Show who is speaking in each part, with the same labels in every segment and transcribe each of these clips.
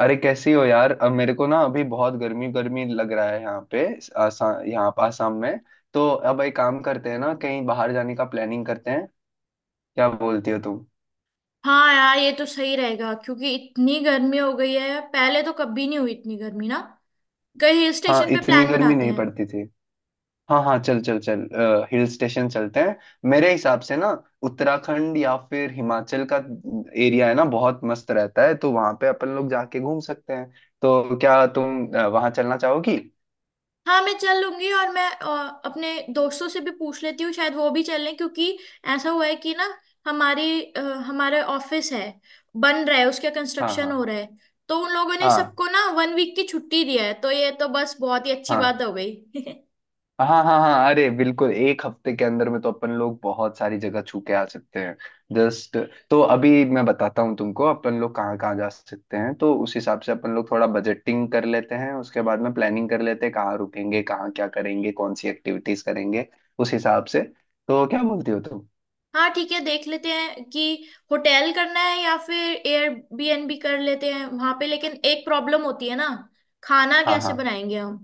Speaker 1: अरे कैसी हो यार। अब मेरे को ना अभी बहुत गर्मी गर्मी लग रहा है यहाँ पे आसाम। यहाँ पे आसाम में तो अब एक काम करते हैं ना, कहीं बाहर जाने का प्लानिंग करते हैं। क्या बोलती हो तुम।
Speaker 2: हाँ यार, ये तो सही रहेगा क्योंकि इतनी गर्मी हो गई है। पहले तो कभी नहीं हुई इतनी गर्मी ना। कहीं हिल
Speaker 1: हाँ,
Speaker 2: स्टेशन पे
Speaker 1: इतनी
Speaker 2: प्लान
Speaker 1: गर्मी
Speaker 2: बनाते
Speaker 1: नहीं
Speaker 2: हैं।
Speaker 1: पड़ती थी। हाँ हाँ, चल चल चल। हिल स्टेशन चलते हैं। मेरे हिसाब से ना उत्तराखंड या फिर हिमाचल का एरिया है ना, बहुत मस्त रहता है, तो वहां पे अपन लोग जाके घूम सकते हैं। तो क्या तुम वहां चलना चाहोगी।
Speaker 2: हाँ, मैं चल लूंगी। और मैं अपने दोस्तों से भी पूछ लेती हूँ, शायद वो भी चल लें क्योंकि ऐसा हुआ है कि ना, हमारी अ, हमारे ऑफिस है, बन रहा है, उसका
Speaker 1: हाँ
Speaker 2: कंस्ट्रक्शन
Speaker 1: हाँ
Speaker 2: हो रहा है। तो उन लोगों ने
Speaker 1: हाँ
Speaker 2: सबको ना 1 week की छुट्टी दिया है, तो ये तो बस बहुत ही अच्छी
Speaker 1: हाँ
Speaker 2: बात हो गई।
Speaker 1: हाँ हाँ हाँ। अरे बिल्कुल एक हफ्ते के अंदर में तो अपन लोग बहुत सारी जगह छू के आ सकते हैं। जस्ट, तो अभी मैं बताता हूँ तुमको, अपन लोग कहाँ कहाँ जा सकते हैं, तो उस हिसाब से अपन लोग थोड़ा बजटिंग कर लेते हैं, उसके बाद में प्लानिंग कर लेते हैं कहाँ रुकेंगे, कहाँ क्या करेंगे, कौन सी एक्टिविटीज करेंगे उस हिसाब से। तो क्या बोलती हो तुम।
Speaker 2: हाँ ठीक है, देख लेते हैं कि होटल करना है या फिर एयरबीएनबी कर लेते हैं वहां पे। लेकिन एक प्रॉब्लम होती है ना, खाना
Speaker 1: हाँ
Speaker 2: कैसे
Speaker 1: हाँ।
Speaker 2: बनाएंगे हम।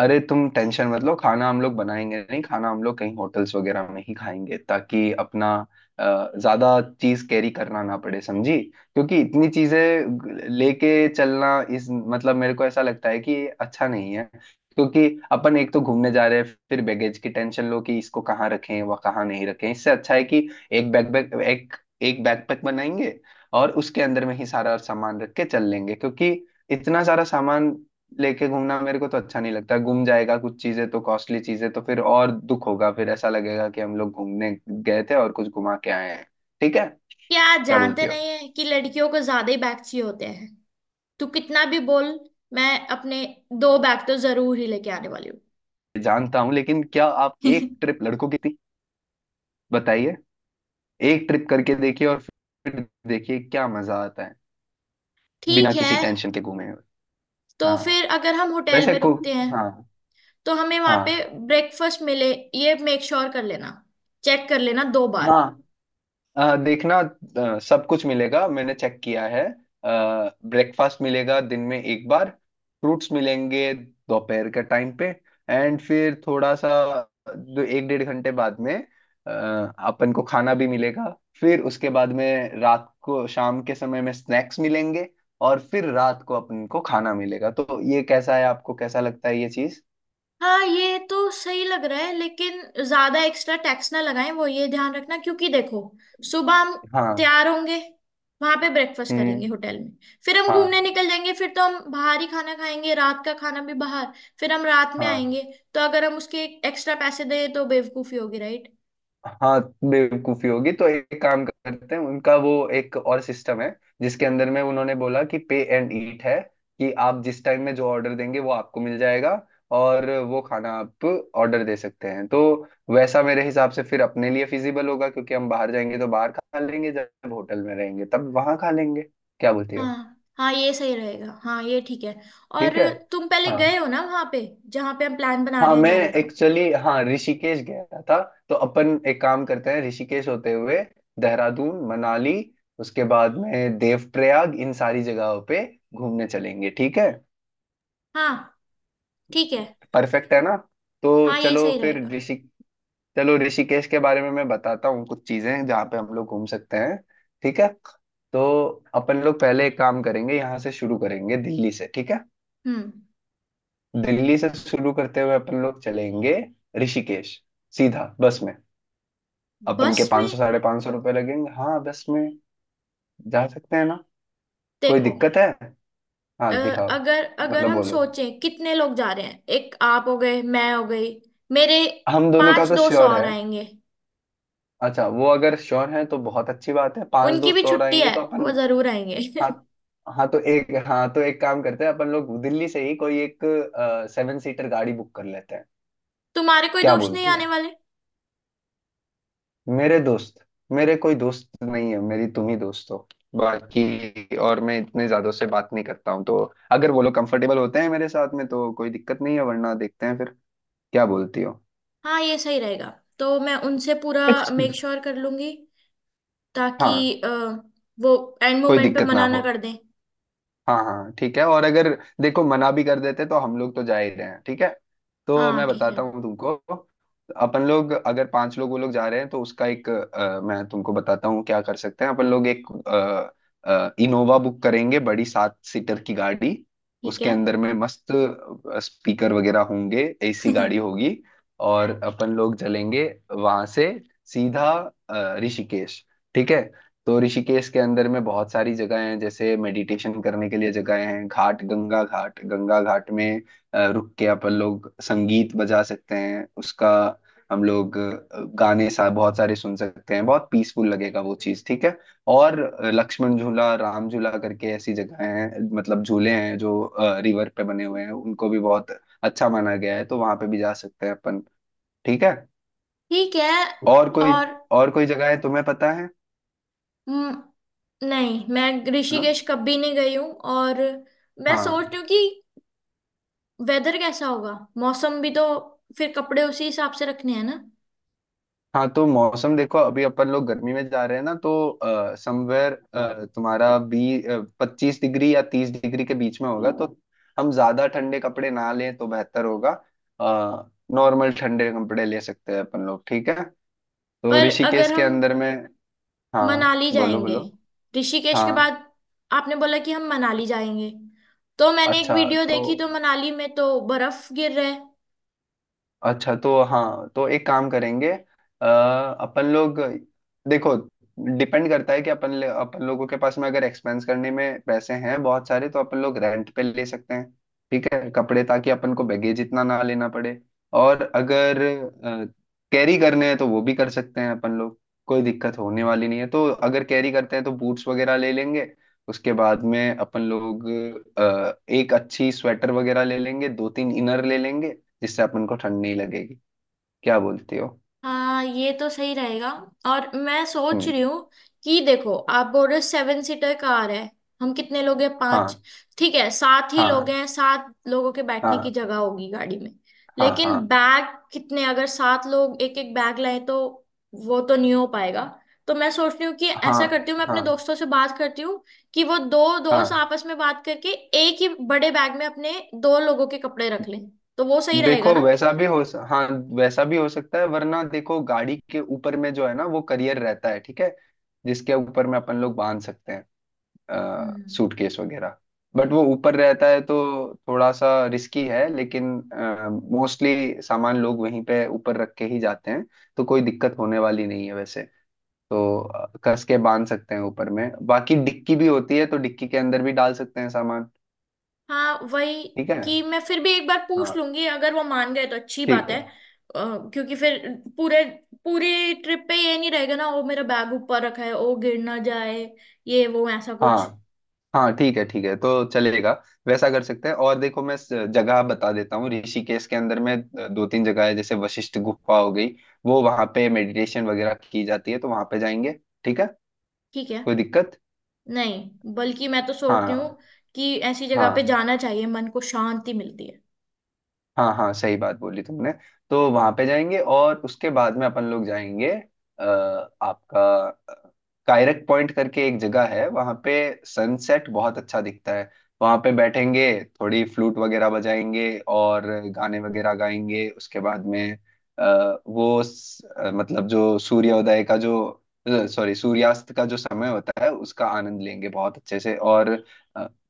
Speaker 1: अरे तुम टेंशन मत लो, खाना हम लोग बनाएंगे नहीं, खाना हम लोग कहीं होटल्स वगैरह में ही खाएंगे ताकि अपना ज्यादा चीज कैरी करना ना पड़े, समझी। क्योंकि इतनी चीजें लेके चलना इस मतलब मेरे को ऐसा लगता है कि ये अच्छा नहीं है। क्योंकि अपन एक तो घूमने जा रहे हैं, फिर बैगेज की टेंशन लो कि इसको कहाँ रखें व कहाँ नहीं रखें। इससे अच्छा है कि एक बैकपैक बनाएंगे और उसके अंदर में ही सारा सामान रख के चल लेंगे। क्योंकि इतना सारा सामान लेके घूमना मेरे को तो अच्छा नहीं लगता, गुम जाएगा कुछ चीजें तो, कॉस्टली चीजें तो फिर और दुख होगा, फिर ऐसा लगेगा कि हम लोग घूमने गए थे और कुछ घुमा के आए हैं। ठीक है।
Speaker 2: क्या आप
Speaker 1: क्या
Speaker 2: जानते
Speaker 1: बोलती हो।
Speaker 2: नहीं है कि लड़कियों को ज्यादा ही बैग चाहिए होते हैं। तू कितना भी बोल, मैं अपने दो बैग तो जरूर ही लेके आने वाली हूँ।
Speaker 1: जानता हूँ लेकिन क्या आप, एक ट्रिप लड़कों की थी, बताइए। एक ट्रिप करके देखिए और फिर देखिए क्या मजा आता है बिना
Speaker 2: ठीक है।
Speaker 1: किसी टेंशन के घूमे हुए।
Speaker 2: तो
Speaker 1: हाँ,
Speaker 2: फिर अगर हम होटल
Speaker 1: वैसे
Speaker 2: में
Speaker 1: को,
Speaker 2: रुकते हैं,
Speaker 1: हाँ
Speaker 2: तो हमें वहां पे
Speaker 1: हाँ
Speaker 2: ब्रेकफास्ट मिले, ये मेक श्योर कर लेना। चेक कर लेना दो बार।
Speaker 1: हाँ, देखना, सब कुछ मिलेगा, मैंने चेक किया है। ब्रेकफास्ट मिलेगा दिन में एक बार। फ्रूट्स मिलेंगे दोपहर के टाइम पे। एंड फिर थोड़ा सा दो एक डेढ़ घंटे बाद में अ, अपन को खाना भी मिलेगा। फिर उसके बाद में रात को, शाम के समय में स्नैक्स मिलेंगे और फिर रात को अपन को खाना मिलेगा। तो ये कैसा है, आपको कैसा लगता है ये चीज।
Speaker 2: हाँ ये तो सही लग रहा है, लेकिन ज्यादा एक्स्ट्रा टैक्स ना लगाएं, वो ये ध्यान रखना। क्योंकि देखो, सुबह हम
Speaker 1: हाँ।
Speaker 2: तैयार होंगे, वहां पे ब्रेकफास्ट करेंगे
Speaker 1: हम्म।
Speaker 2: होटल में, फिर हम
Speaker 1: हाँ
Speaker 2: घूमने निकल जाएंगे, फिर तो हम बाहर ही खाना खाएंगे, रात का खाना भी बाहर, फिर हम रात में
Speaker 1: हाँ
Speaker 2: आएंगे। तो अगर हम उसके एक्स्ट्रा पैसे दें तो बेवकूफी होगी, राइट।
Speaker 1: हाँ, बेवकूफी होगी। तो एक काम करते हैं, उनका वो एक और सिस्टम है जिसके अंदर में उन्होंने बोला कि पे एंड ईट है कि आप जिस टाइम में जो ऑर्डर देंगे वो आपको मिल जाएगा और वो खाना आप ऑर्डर दे सकते हैं। तो वैसा मेरे हिसाब से फिर अपने लिए फिजिबल होगा क्योंकि हम बाहर जाएंगे तो बाहर खा लेंगे, जब होटल में रहेंगे तब वहां खा लेंगे। क्या बोलती हो।
Speaker 2: हाँ हाँ, ये सही रहेगा। हाँ ये ठीक है। और
Speaker 1: ठीक है।
Speaker 2: तुम पहले
Speaker 1: हाँ,
Speaker 2: गए हो ना वहां पे, जहाँ पे हम प्लान बना
Speaker 1: हाँ
Speaker 2: रहे हैं
Speaker 1: मैं
Speaker 2: जाने का।
Speaker 1: एक्चुअली, हाँ ऋषिकेश गया था। तो अपन एक काम करते हैं, ऋषिकेश होते हुए देहरादून, मनाली, उसके बाद में देवप्रयाग, इन सारी जगहों पे घूमने चलेंगे। ठीक है।
Speaker 2: हाँ ठीक है।
Speaker 1: परफेक्ट है ना। तो
Speaker 2: हाँ ये
Speaker 1: चलो
Speaker 2: सही
Speaker 1: फिर
Speaker 2: रहेगा।
Speaker 1: ऋषि चलो, ऋषिकेश के बारे में मैं बताता हूँ, कुछ चीजें जहाँ पे हम लोग घूम सकते हैं। ठीक है। तो अपन लोग पहले एक काम करेंगे, यहाँ से शुरू करेंगे दिल्ली से। ठीक है।
Speaker 2: हम्म।
Speaker 1: दिल्ली से शुरू करते हुए अपन लोग चलेंगे ऋषिकेश, सीधा बस में। अपन के
Speaker 2: बस
Speaker 1: पाँच
Speaker 2: में?
Speaker 1: सौ 550 रुपये लगेंगे, हाँ बस में। जा सकते हैं ना। कोई
Speaker 2: देखो,
Speaker 1: दिक्कत है। हाँ दिखाओ।
Speaker 2: अगर अगर
Speaker 1: मतलब
Speaker 2: हम
Speaker 1: बोलो।
Speaker 2: सोचें कितने लोग जा रहे हैं। एक आप हो गए, मैं हो गई, मेरे
Speaker 1: हम दोनों का
Speaker 2: पांच
Speaker 1: तो
Speaker 2: दोस्त
Speaker 1: श्योर
Speaker 2: और
Speaker 1: है।
Speaker 2: आएंगे।
Speaker 1: अच्छा वो अगर श्योर है तो बहुत अच्छी बात है, पांच
Speaker 2: उनकी भी
Speaker 1: दोस्त और
Speaker 2: छुट्टी
Speaker 1: आएंगे
Speaker 2: है,
Speaker 1: तो अपन,
Speaker 2: वो जरूर आएंगे।
Speaker 1: हाँ हाँ तो एक काम करते हैं, अपन लोग दिल्ली से ही कोई एक 7 सीटर गाड़ी बुक कर लेते हैं।
Speaker 2: तुम्हारे कोई
Speaker 1: क्या
Speaker 2: दोस्त नहीं
Speaker 1: बोलती
Speaker 2: आने
Speaker 1: हो।
Speaker 2: वाले?
Speaker 1: मेरे दोस्त, मेरे कोई दोस्त नहीं है, मेरी तुम ही दोस्त हो। बाकी और मैं इतने ज्यादा से बात नहीं करता हूँ तो, अगर वो लोग कंफर्टेबल होते हैं मेरे साथ में तो कोई दिक्कत नहीं है, वरना देखते हैं फिर। क्या बोलती हो।
Speaker 2: हाँ ये सही रहेगा। तो मैं उनसे पूरा मेक श्योर कर लूंगी, ताकि
Speaker 1: हाँ,
Speaker 2: अ, वो एंड
Speaker 1: कोई
Speaker 2: मोमेंट पे
Speaker 1: दिक्कत ना
Speaker 2: मना ना
Speaker 1: हो।
Speaker 2: कर दें।
Speaker 1: हाँ हाँ ठीक है। और अगर देखो मना भी कर देते तो हम लोग तो जा ही रहे हैं। ठीक है। तो
Speaker 2: हाँ
Speaker 1: मैं
Speaker 2: ठीक है
Speaker 1: बताता हूँ तुमको, अपन लोग अगर पांच लोग वो लोग जा रहे हैं तो उसका एक, मैं तुमको बताता हूँ क्या कर सकते हैं। अपन लोग एक इनोवा बुक करेंगे, बड़ी 7 सीटर की गाड़ी।
Speaker 2: ठीक
Speaker 1: उसके
Speaker 2: है।
Speaker 1: अंदर में मस्त स्पीकर वगैरह होंगे, एसी गाड़ी होगी और अपन लोग चलेंगे वहां से सीधा ऋषिकेश। ठीक है। तो ऋषिकेश के अंदर में बहुत सारी जगह हैं, जैसे मेडिटेशन करने के लिए जगह हैं, घाट, गंगा घाट। गंगा घाट में रुक के अपन लोग संगीत बजा सकते हैं उसका, हम लोग गाने सा बहुत सारे सुन सकते हैं, बहुत पीसफुल लगेगा वो चीज। ठीक है। और लक्ष्मण झूला, राम झूला करके ऐसी जगह हैं, मतलब झूले हैं जो रिवर पे बने हुए हैं, उनको भी बहुत अच्छा माना गया है, तो वहां पे भी जा सकते हैं अपन। ठीक है।
Speaker 2: ठीक है।
Speaker 1: और कोई,
Speaker 2: और
Speaker 1: और कोई जगह है तुम्हें पता है।
Speaker 2: हम्म, नहीं, मैं
Speaker 1: हाँ।
Speaker 2: ऋषिकेश कभी नहीं गई हूँ। और मैं सोच
Speaker 1: हाँ,
Speaker 2: रही हूँ कि वेदर कैसा होगा, मौसम भी तो, फिर कपड़े उसी हिसाब से रखने हैं ना।
Speaker 1: हाँ तो मौसम देखो, अभी अपन लोग गर्मी में जा रहे हैं ना तो समवेयर तुम्हारा बी 25 डिग्री या 30 डिग्री के बीच में होगा, तो हम ज्यादा ठंडे कपड़े ना लें तो बेहतर होगा। नॉर्मल ठंडे कपड़े ले सकते हैं अपन लोग। ठीक है। तो
Speaker 2: पर अगर
Speaker 1: ऋषिकेश के
Speaker 2: हम
Speaker 1: अंदर में, हाँ
Speaker 2: मनाली
Speaker 1: बोलो
Speaker 2: जाएंगे
Speaker 1: बोलो।
Speaker 2: ऋषिकेश के
Speaker 1: हाँ,
Speaker 2: बाद, आपने बोला कि हम मनाली जाएंगे, तो मैंने एक
Speaker 1: अच्छा
Speaker 2: वीडियो
Speaker 1: तो
Speaker 2: देखी, तो मनाली में तो बर्फ गिर रहा है।
Speaker 1: हाँ तो एक काम करेंगे अ, अपन लोग देखो, डिपेंड करता है कि अपन अपन लोगों के पास में अगर एक्सपेंस करने में पैसे हैं बहुत सारे तो अपन लोग रेंट पे ले सकते हैं, ठीक है, कपड़े, ताकि अपन को बैगेज इतना ना लेना पड़े। और अगर कैरी करने हैं तो वो भी कर सकते हैं अपन लोग, कोई दिक्कत होने वाली नहीं है। तो अगर कैरी करते हैं तो बूट्स वगैरह ले लेंगे, उसके बाद में अपन लोग एक अच्छी स्वेटर वगैरह ले लेंगे, दो तीन इनर ले लेंगे जिससे अपन को ठंड नहीं लगेगी। क्या बोलती हो।
Speaker 2: हाँ ये तो सही रहेगा। और मैं सोच
Speaker 1: हम्म।
Speaker 2: रही हूँ कि, देखो आप बोल रहे हो 7 सीटर कार है, हम कितने लोग हैं, पांच।
Speaker 1: हाँ
Speaker 2: ठीक है सात ही लोग
Speaker 1: हाँ
Speaker 2: हैं, सात लोगों के बैठने की
Speaker 1: हाँ
Speaker 2: जगह होगी गाड़ी में।
Speaker 1: हाँ हाँ
Speaker 2: लेकिन बैग कितने, अगर सात लोग एक एक बैग लाए, तो वो तो नहीं हो पाएगा। तो मैं सोच रही हूँ कि
Speaker 1: हाँ
Speaker 2: ऐसा करती हूँ, मैं अपने
Speaker 1: हाँ
Speaker 2: दोस्तों से बात करती हूँ, कि वो दो दोस्त
Speaker 1: हाँ।
Speaker 2: आपस में बात करके एक ही बड़े बैग में अपने दो लोगों के कपड़े रख लें, तो वो सही रहेगा
Speaker 1: देखो
Speaker 2: ना।
Speaker 1: वैसा भी हो स- हाँ, वैसा भी हो सकता है। वरना देखो गाड़ी के ऊपर में जो है ना, वो करियर रहता है, ठीक है, जिसके ऊपर में अपन लोग बांध सकते हैं
Speaker 2: हम्म।
Speaker 1: सूटकेस वगैरह। बट वो ऊपर रहता है तो थोड़ा सा रिस्की है, लेकिन मोस्टली सामान लोग वहीं पे ऊपर रख के ही जाते हैं, तो कोई दिक्कत होने वाली नहीं है वैसे। तो कस के बांध सकते हैं ऊपर में, बाकी डिक्की भी होती है तो डिक्की के अंदर भी डाल सकते हैं सामान।
Speaker 2: हाँ वही,
Speaker 1: ठीक है।
Speaker 2: कि मैं फिर भी एक बार पूछ
Speaker 1: हाँ
Speaker 2: लूंगी, अगर वो मान गए तो अच्छी बात
Speaker 1: ठीक
Speaker 2: है।
Speaker 1: है।
Speaker 2: क्योंकि फिर पूरे पूरी ट्रिप पे ये नहीं रहेगा ना, वो मेरा बैग ऊपर रखा है वो गिर ना जाए, ये वो ऐसा कुछ।
Speaker 1: हाँ हाँ ठीक है, ठीक है, तो चलेगा वैसा कर सकते हैं। और देखो जगह बता देता हूँ ऋषिकेश के अंदर में। दो तीन जगह है, जैसे वशिष्ठ गुफा हो गई, वो वहां पे मेडिटेशन वगैरह की जाती है, तो वहां पे जाएंगे। ठीक है।
Speaker 2: ठीक है।
Speaker 1: कोई दिक्कत।
Speaker 2: नहीं, बल्कि मैं तो सोच रही हूँ
Speaker 1: हाँ
Speaker 2: कि ऐसी जगह पे
Speaker 1: हाँ,
Speaker 2: जाना चाहिए, मन को शांति मिलती है।
Speaker 1: हाँ हाँ सही बात बोली तुमने। तो वहां पे जाएंगे और उसके बाद में अपन लोग जाएंगे आपका कायरक पॉइंट करके एक जगह है, वहां पे सनसेट बहुत अच्छा दिखता है, वहां पे बैठेंगे, थोड़ी फ्लूट वगैरह बजाएंगे और गाने वगैरह गाएंगे। उसके बाद में आ, वो स- अ, मतलब जो सूर्योदय का जो, सॉरी, सूर्यास्त का जो समय होता है उसका आनंद लेंगे बहुत अच्छे से, और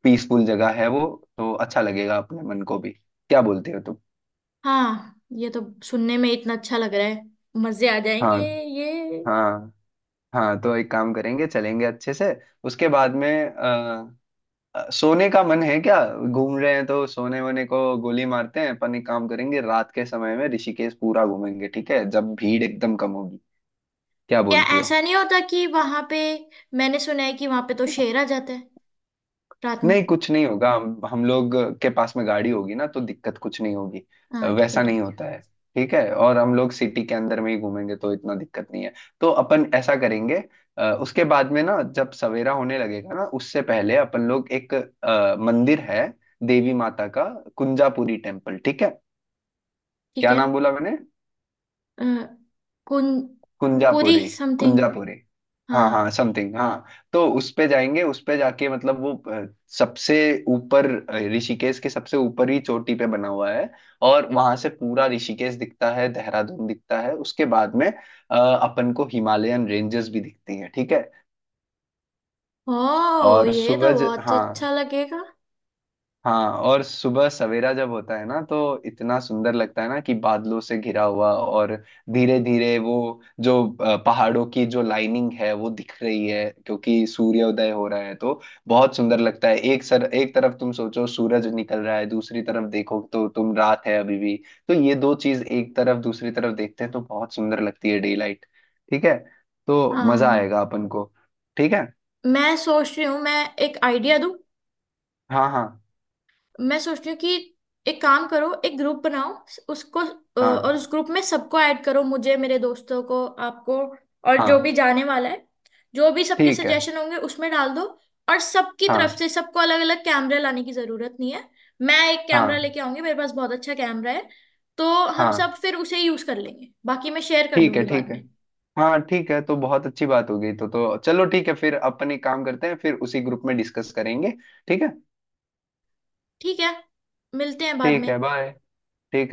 Speaker 1: पीसफुल जगह है वो तो अच्छा लगेगा अपने मन को भी। क्या बोलते हो।
Speaker 2: हाँ ये तो सुनने में इतना अच्छा लग रहा है, मजे आ जाएंगे
Speaker 1: हाँ
Speaker 2: ये।
Speaker 1: हाँ, हाँ तो एक काम करेंगे, चलेंगे अच्छे से। उसके बाद में सोने का मन है क्या, घूम रहे हैं तो सोने वोने को गोली मारते हैं। अपन एक काम करेंगे, रात के समय में ऋषिकेश पूरा घूमेंगे, ठीक है, जब भीड़ एकदम कम होगी। क्या
Speaker 2: क्या
Speaker 1: बोलती हो।
Speaker 2: ऐसा नहीं होता कि वहां पे, मैंने सुना है कि वहां पे तो शेर आ जाता है रात में।
Speaker 1: नहीं कुछ नहीं होगा, हम लोग के पास में गाड़ी होगी ना तो दिक्कत कुछ नहीं होगी।
Speaker 2: हाँ ठीक है
Speaker 1: वैसा
Speaker 2: ठीक
Speaker 1: नहीं
Speaker 2: है।
Speaker 1: होता है। ठीक है, और हम लोग सिटी के अंदर में ही घूमेंगे तो इतना दिक्कत नहीं है। तो अपन ऐसा करेंगे, उसके बाद में ना, जब सवेरा होने लगेगा ना उससे पहले, अपन लोग एक मंदिर है देवी माता का, कुंजापुरी टेम्पल। ठीक है।
Speaker 2: ठीक
Speaker 1: क्या
Speaker 2: है।
Speaker 1: नाम बोला मैंने।
Speaker 2: अ, कुन, पूरी
Speaker 1: कुंजापुरी,
Speaker 2: समथिंग।
Speaker 1: कुंजापुरी, हाँ हाँ
Speaker 2: हाँ।
Speaker 1: समथिंग हाँ। तो उस पे जाएंगे, उस पे जाके मतलब वो सबसे ऊपर, ऋषिकेश के सबसे ऊपर ही चोटी पे बना हुआ है, और वहां से पूरा ऋषिकेश दिखता है, देहरादून दिखता है, उसके बाद में अपन को हिमालयन रेंजेस भी दिखती हैं। ठीक है।
Speaker 2: ओ,
Speaker 1: और
Speaker 2: ये तो
Speaker 1: सूरज,
Speaker 2: बहुत
Speaker 1: हाँ,
Speaker 2: अच्छा लगेगा।
Speaker 1: हाँ और सुबह सवेरा जब होता है ना तो इतना सुंदर लगता है ना कि बादलों से घिरा हुआ, और धीरे धीरे वो जो पहाड़ों की जो लाइनिंग है वो दिख रही है क्योंकि सूर्योदय हो रहा है, तो बहुत सुंदर लगता है। एक सर, एक तरफ तुम सोचो सूरज निकल रहा है, दूसरी तरफ देखो तो तुम रात है अभी भी, तो ये दो चीज एक तरफ दूसरी तरफ देखते हैं तो बहुत सुंदर लगती है, डे लाइट। ठीक है, तो मजा
Speaker 2: हाँ
Speaker 1: आएगा अपन को। ठीक है।
Speaker 2: मैं सोच रही हूँ, मैं एक आइडिया दूँ।
Speaker 1: हाँ हाँ
Speaker 2: मैं सोचती हूँ कि एक काम करो, एक ग्रुप बनाओ। उसको और
Speaker 1: हाँ
Speaker 2: उस ग्रुप में सबको ऐड करो, मुझे, मेरे दोस्तों को, आपको और जो
Speaker 1: हाँ,
Speaker 2: भी जाने वाला है, जो भी सबके
Speaker 1: ठीक है।
Speaker 2: सजेशन होंगे उसमें डाल दो। और सबकी तरफ
Speaker 1: हाँ
Speaker 2: से सबको अलग अलग कैमरे लाने की जरूरत नहीं है। मैं एक कैमरा
Speaker 1: हाँ
Speaker 2: लेके आऊंगी, मेरे पास बहुत अच्छा कैमरा है। तो हम
Speaker 1: हाँ,
Speaker 2: सब फिर उसे यूज कर लेंगे, बाकी मैं शेयर कर
Speaker 1: ठीक है,
Speaker 2: दूंगी बाद
Speaker 1: ठीक है।
Speaker 2: में।
Speaker 1: हाँ ठीक है, तो बहुत अच्छी बात हो गई, तो चलो ठीक है फिर। अपन एक काम करते हैं, फिर उसी ग्रुप में डिस्कस करेंगे। ठीक है।
Speaker 2: ठीक है। मिलते हैं बाद
Speaker 1: ठीक
Speaker 2: में।
Speaker 1: है, बाय। ठीक है।